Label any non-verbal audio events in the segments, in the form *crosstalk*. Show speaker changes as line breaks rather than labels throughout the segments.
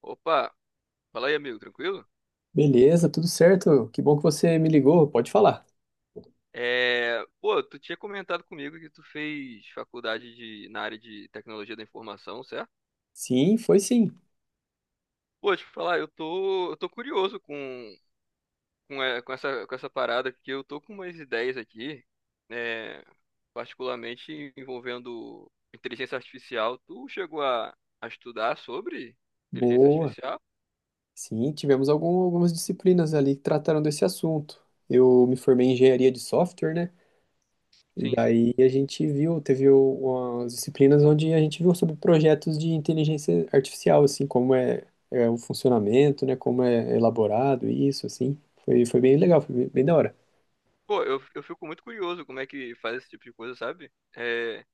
Opa, fala aí, amigo, tranquilo?
Beleza, tudo certo. Que bom que você me ligou. Pode falar.
Tu tinha comentado comigo que tu fez faculdade na área de tecnologia da informação, certo?
Sim, foi sim.
Pô, deixa eu te falar, eu tô curioso com com essa parada, porque eu tô com umas ideias aqui, é, particularmente envolvendo inteligência artificial. Tu chegou a estudar sobre inteligência
Boa.
artificial?
Sim, tivemos algumas disciplinas ali que trataram desse assunto. Eu me formei em engenharia de software, né? E
Sim, sim.
daí a gente viu, teve umas disciplinas onde a gente viu sobre projetos de inteligência artificial, assim, como é o funcionamento, né? Como é elaborado isso, assim. Foi bem legal, foi bem da hora.
Pô, eu fico muito curioso como é que faz esse tipo de coisa, sabe? É,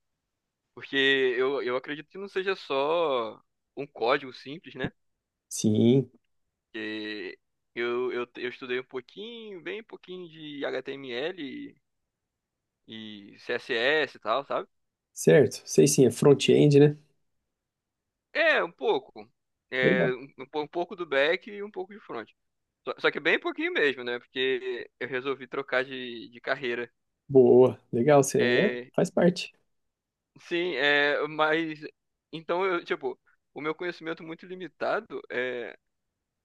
Porque eu acredito que não seja só um código simples, né?
Sim,
Que eu estudei um pouquinho, bem pouquinho de HTML e CSS e tal, sabe?
certo. Sei sim, é
E,
front-end, né?
um pouco.
Legal.
É, um pouco do back e um pouco de front. Só que bem pouquinho mesmo, né? Porque eu resolvi trocar de carreira.
Boa, legal.
É,
Faz parte.
sim, é, mas. Então, eu, tipo, o meu conhecimento muito limitado é.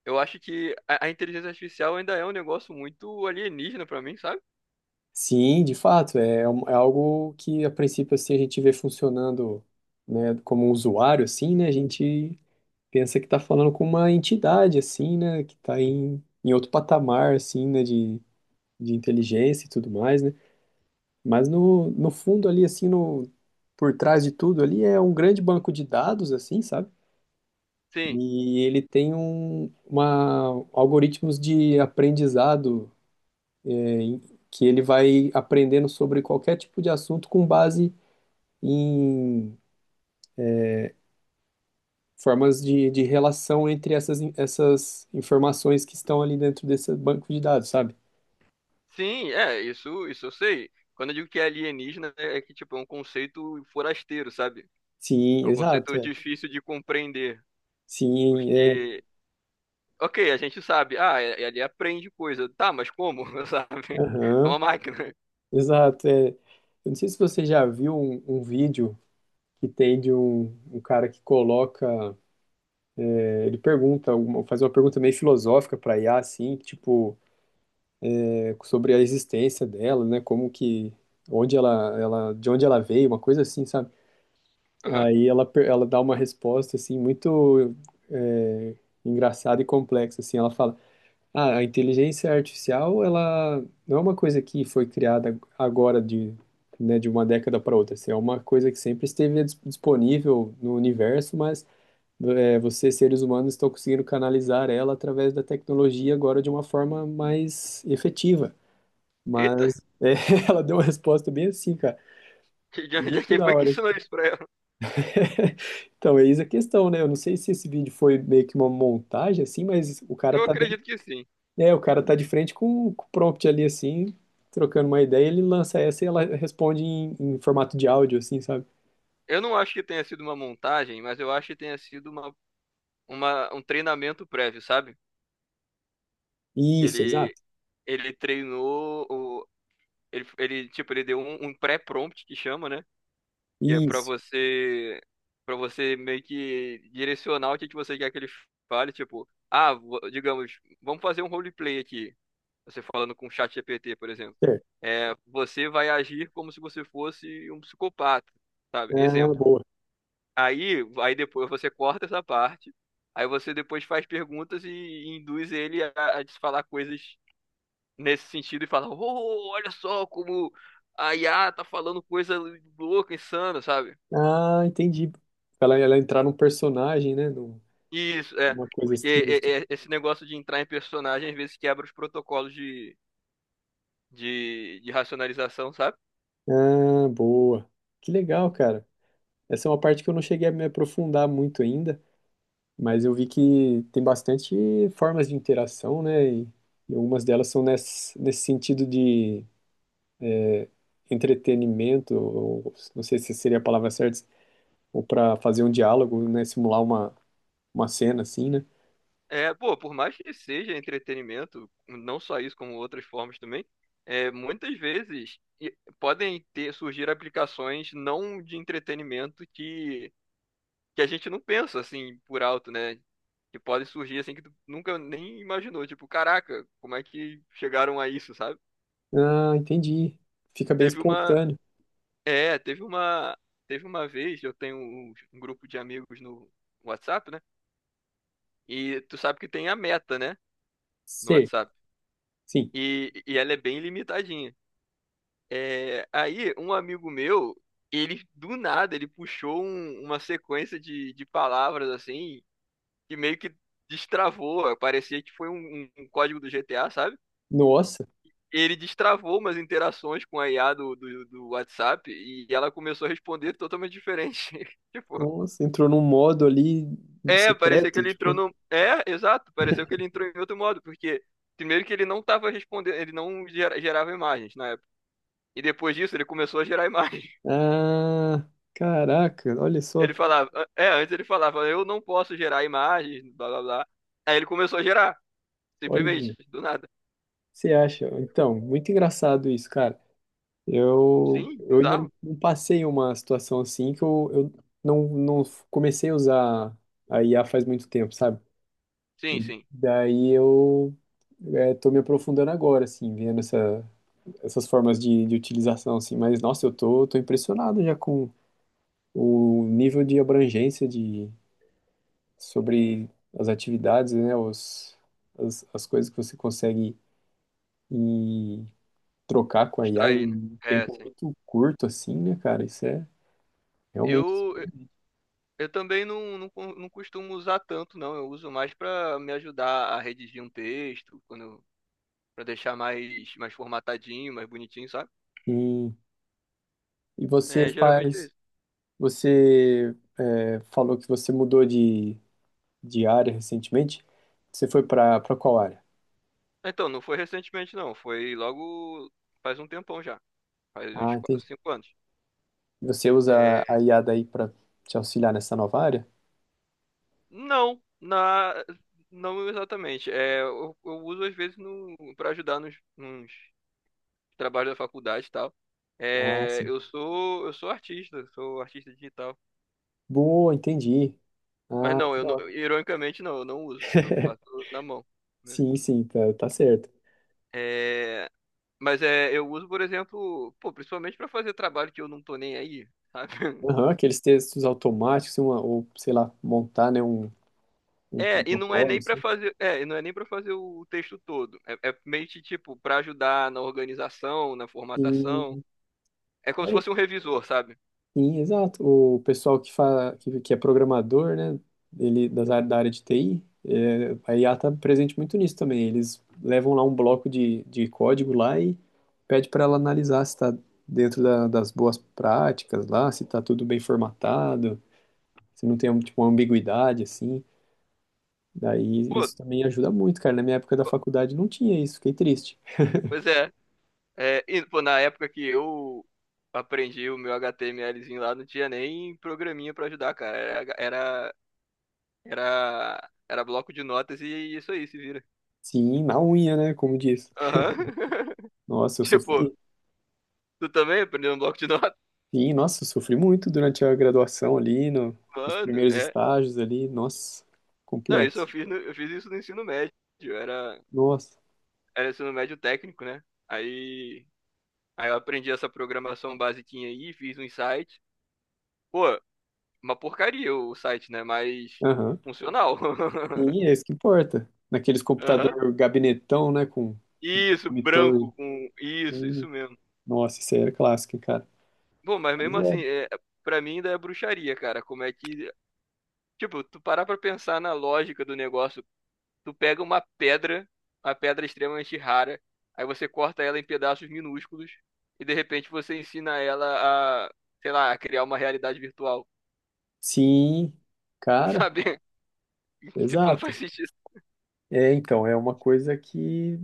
Eu acho que a inteligência artificial ainda é um negócio muito alienígena pra mim, sabe?
Sim, de fato, é é algo que a princípio assim a gente vê funcionando, né, como um usuário assim, né, a gente pensa que está falando com uma entidade assim, né, que está em outro patamar assim, né, de inteligência e tudo mais, né, mas no fundo ali assim, no, por trás de tudo ali é um grande banco de dados assim, sabe?
Sim,
E ele tem uma, algoritmos de aprendizado que ele vai aprendendo sobre qualquer tipo de assunto com base em formas de relação entre essas, essas informações que estão ali dentro desse banco de dados, sabe?
sim, é, isso eu sei. Quando eu digo que é alienígena, é que, tipo, é um conceito forasteiro, sabe? É
Sim,
um
exato,
conceito
é.
difícil de compreender,
Sim, é.
porque, ok, a gente sabe, ah, ele aprende coisa, tá, mas como, *laughs* sabe? É
Aham,
uma máquina.
exato, é. Eu não sei se você já viu um vídeo que tem de um, um cara que coloca, é, ele pergunta, faz uma pergunta meio filosófica para IA, assim, tipo, é, sobre a existência dela, né? Como que, onde ela, de onde ela veio, uma coisa assim, sabe?
Aham.
Aí ela dá uma resposta assim muito é, engraçada e complexa assim. Ela fala: "Ah, a inteligência artificial ela não é uma coisa que foi criada agora de, né, de uma década para outra. Assim, é uma coisa que sempre esteve disponível no universo, mas é, vocês seres humanos estão conseguindo canalizar ela através da tecnologia agora de uma forma mais efetiva."
Eita,
Mas é, *laughs* ela deu uma resposta bem assim, cara.
de onde *laughs* é
Muito
que
da
foi que
hora.
ensinou isso pra ela?
Então, é isso a questão, né? Eu não sei se esse vídeo foi meio que uma montagem, assim, mas o cara
Eu
tá dentro,
acredito que sim.
é. O cara tá de frente com o prompt ali, assim, trocando uma ideia, ele lança essa e ela responde em formato de áudio, assim, sabe?
Eu não acho que tenha sido uma montagem, mas eu acho que tenha sido um treinamento prévio, sabe? Que
Isso,
ele,
exato.
ele treinou, o- ele, tipo, ele deu um pré-prompt que chama, né? Que é
Isso,
para você meio que direcionar o que que você quer que ele fale, tipo, ah, digamos, vamos fazer um roleplay aqui, você falando com o chat GPT, por exemplo.
certo.
É, você vai agir como se você fosse um psicopata, sabe?
Ah,
Exemplo.
boa.
Aí, aí depois você corta essa parte, aí você depois faz perguntas e induz ele a te falar coisas nesse sentido e falar, oh, olha só como a IA tá falando coisa louca, insana, sabe?
Ah, entendi. Ela entrar num personagem, né? Num-
Isso, é.
numa coisa
Porque
assim, assim.
esse negócio de entrar em personagem às vezes quebra os protocolos de racionalização, sabe?
Ah, boa. Que legal, cara. Essa é uma parte que eu não cheguei a me aprofundar muito ainda. Mas eu vi que tem bastante formas de interação, né? E algumas delas são nesse, nesse sentido de entretenimento, ou não sei se seria a palavra certa, ou para fazer um diálogo, né? Simular uma cena assim, né?
É, pô, por mais que seja entretenimento, não só isso, como outras formas também, é, muitas vezes podem ter surgir aplicações não de entretenimento que a gente não pensa assim por alto, né? Que podem surgir assim que tu nunca nem imaginou. Tipo, caraca, como é que chegaram a isso, sabe?
Ah, entendi. Fica bem
Teve uma.
espontâneo.
É, teve uma. Teve uma vez, eu tenho um grupo de amigos no WhatsApp, né? E tu sabe que tem a meta, né? No
Ser,
WhatsApp.
sim.
E ela é bem limitadinha. É, aí, um amigo meu, ele do nada, ele puxou uma sequência de palavras assim, que meio que destravou, eh, parecia que foi um código do GTA, sabe?
Nossa,
Ele destravou umas interações com a IA do WhatsApp e ela começou a responder totalmente diferente. *laughs* Tipo,
nossa, entrou num modo ali
é, parecia que
secreto,
ele entrou
tipo,
no. É, exato, pareceu que ele entrou em outro modo, porque primeiro que ele não tava respondendo, ele não gerava imagens na época. E depois disso ele começou a gerar *laughs* imagens.
ah, caraca, olha
Ele
só,
falava, é, antes ele falava, eu não posso gerar imagens, blá blá blá. Aí ele começou a gerar,
olha,
simplesmente, do nada.
você acha? Então, muito engraçado isso, cara.
Sim,
Eu ainda
bizarro.
não passei uma situação assim que eu não comecei a usar a IA faz muito tempo, sabe?
Sim, sim.
Daí eu é, tô me aprofundando agora, assim, vendo essa, essas formas de utilização, assim. Mas, nossa, tô impressionado já com o nível de abrangência de, sobre as atividades, né? As, as coisas que você consegue ir trocar com a IA
Extrair, né?
em
É,
tempo
sim.
muito curto, assim, né, cara? Isso é realmente.
Eu, eu também não costumo usar tanto, não. Eu uso mais pra me ajudar a redigir um texto, quando, para deixar mais, mais formatadinho, mais bonitinho, sabe?
E, e você
É, geralmente é
faz,
isso.
você é, falou que você mudou de área recentemente. Você foi para qual área?
Então, não foi recentemente, não. Foi logo faz um tempão já. Faz
Ah,
uns 4,
entendi.
5 anos.
Você usa
É,
a IA daí para te auxiliar nessa nova área?
não, não exatamente. É, eu uso às vezes no, para ajudar nos trabalhos da faculdade e tal.
Ah,
É,
sim.
eu sou artista digital.
Boa, entendi.
Mas
Ah,
não,
que
eu
da hora.
não, ironicamente não, eu não uso. Eu
*laughs*
faço na mão. Né?
Sim, sim, tá certo.
É, mas é, eu uso, por exemplo, pô, principalmente para fazer trabalho que eu não tô nem aí, sabe? *laughs*
Aham, aqueles textos automáticos, uma, ou sei lá, montar, né, um
É,
protocolo, assim.
e não é nem para fazer o texto todo. É, é meio que tipo para ajudar na organização, na
E
formatação. É como se
é.
fosse um revisor, sabe?
Sim, exato. O pessoal que fala, que é programador, né, ele das áreas da área de TI, é, a IA está presente muito nisso também. Eles levam lá um bloco de código lá e pede para ela analisar se está dentro das boas práticas lá, se está tudo bem formatado, se não tem tipo, uma ambiguidade assim. Daí
Pô,
isso também ajuda muito, cara. Na minha época da
po-
faculdade não tinha isso, fiquei triste.
pois é. É, e, pô, na época que eu aprendi o meu HTMLzinho lá, não tinha nem programinha pra ajudar, cara. Era bloco de notas e isso aí, se vira.
Sim, na unha, né, como diz.
Aham.
Nossa, eu
*laughs* Tipo,
sofri.
tu também aprendeu um bloco de notas?
Sim, nossa, eu sofri muito durante a graduação ali,
*laughs*
nos
Mano,
primeiros
é.
estágios ali, nossa,
Não, isso eu
complexo.
fiz, no ensino médio. Era,
Nossa,
era ensino médio técnico, né? Aí, aí eu aprendi essa programação basiquinha aí, fiz um site. Pô, uma porcaria o site, né? Mas
aham.
funcional. *laughs*
Sim, é isso que importa. Naqueles
Aham.
computador gabinetão, né, com
Isso,
monitor.
branco com
Assim.
isso mesmo.
Nossa, isso aí era clássico, hein, cara.
Bom, mas
Mas
mesmo assim,
é.
é, para mim ainda é bruxaria, cara. Como é que, tipo, tu parar pra pensar na lógica do negócio, tu pega uma pedra extremamente rara, aí você corta ela em pedaços minúsculos e de repente você ensina ela a, sei lá, a criar uma realidade virtual,
Sim,
*laughs*
cara,
sabe? Tipo, não
exato.
faz sentido.
É, então, é uma coisa que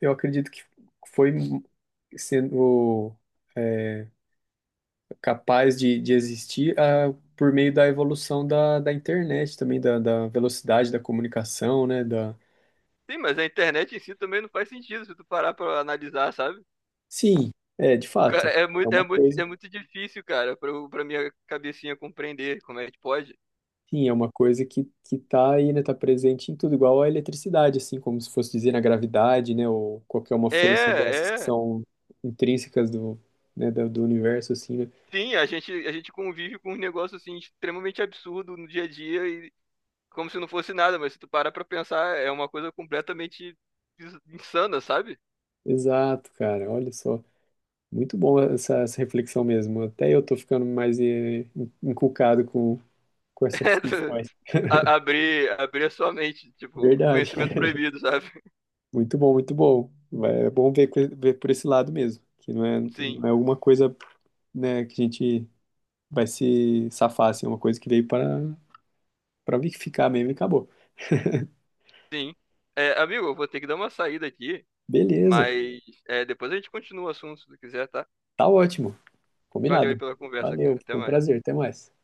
eu acredito que foi sendo é, capaz de existir ah, por meio da evolução da, da internet também, da, da velocidade da comunicação, né? Da...
Sim, mas a internet em si também não faz sentido se tu parar pra analisar, sabe?
Sim, é, de
Cara,
fato, é uma coisa,
é muito difícil, cara, pra minha cabecinha compreender como é que pode.
sim, é uma coisa que tá aí, né? Tá presente em tudo, igual a eletricidade, assim, como se fosse dizer na gravidade, né? Ou qualquer uma força dessas que
É, é.
são intrínsecas do, né, do universo, assim, né?
Sim, a gente convive com um negócio assim extremamente absurdo no dia a dia e como se não fosse nada, mas se tu parar pra pensar, é uma coisa completamente insana, sabe?
Exato, cara, olha só. Muito bom essa reflexão mesmo. Até eu tô ficando mais eh, encucado com
*laughs*
essas
É,
questões.
abrir a sua mente, tipo,
Verdade.
conhecimento proibido, sabe? *laughs*
*laughs* Muito bom, muito bom. Vai- é bom ver, ver por esse lado mesmo, que não
Sim,
é alguma coisa, né, que a gente vai se safar, assim, é uma coisa que veio para ficar mesmo e acabou.
sim. É, amigo, eu vou ter que dar uma saída aqui,
Beleza,
mas é, depois a gente continua o assunto, se tu quiser, tá?
tá ótimo,
Valeu aí
combinado.
pela conversa,
Valeu,
cara. Até
foi um
mais.
prazer, até mais.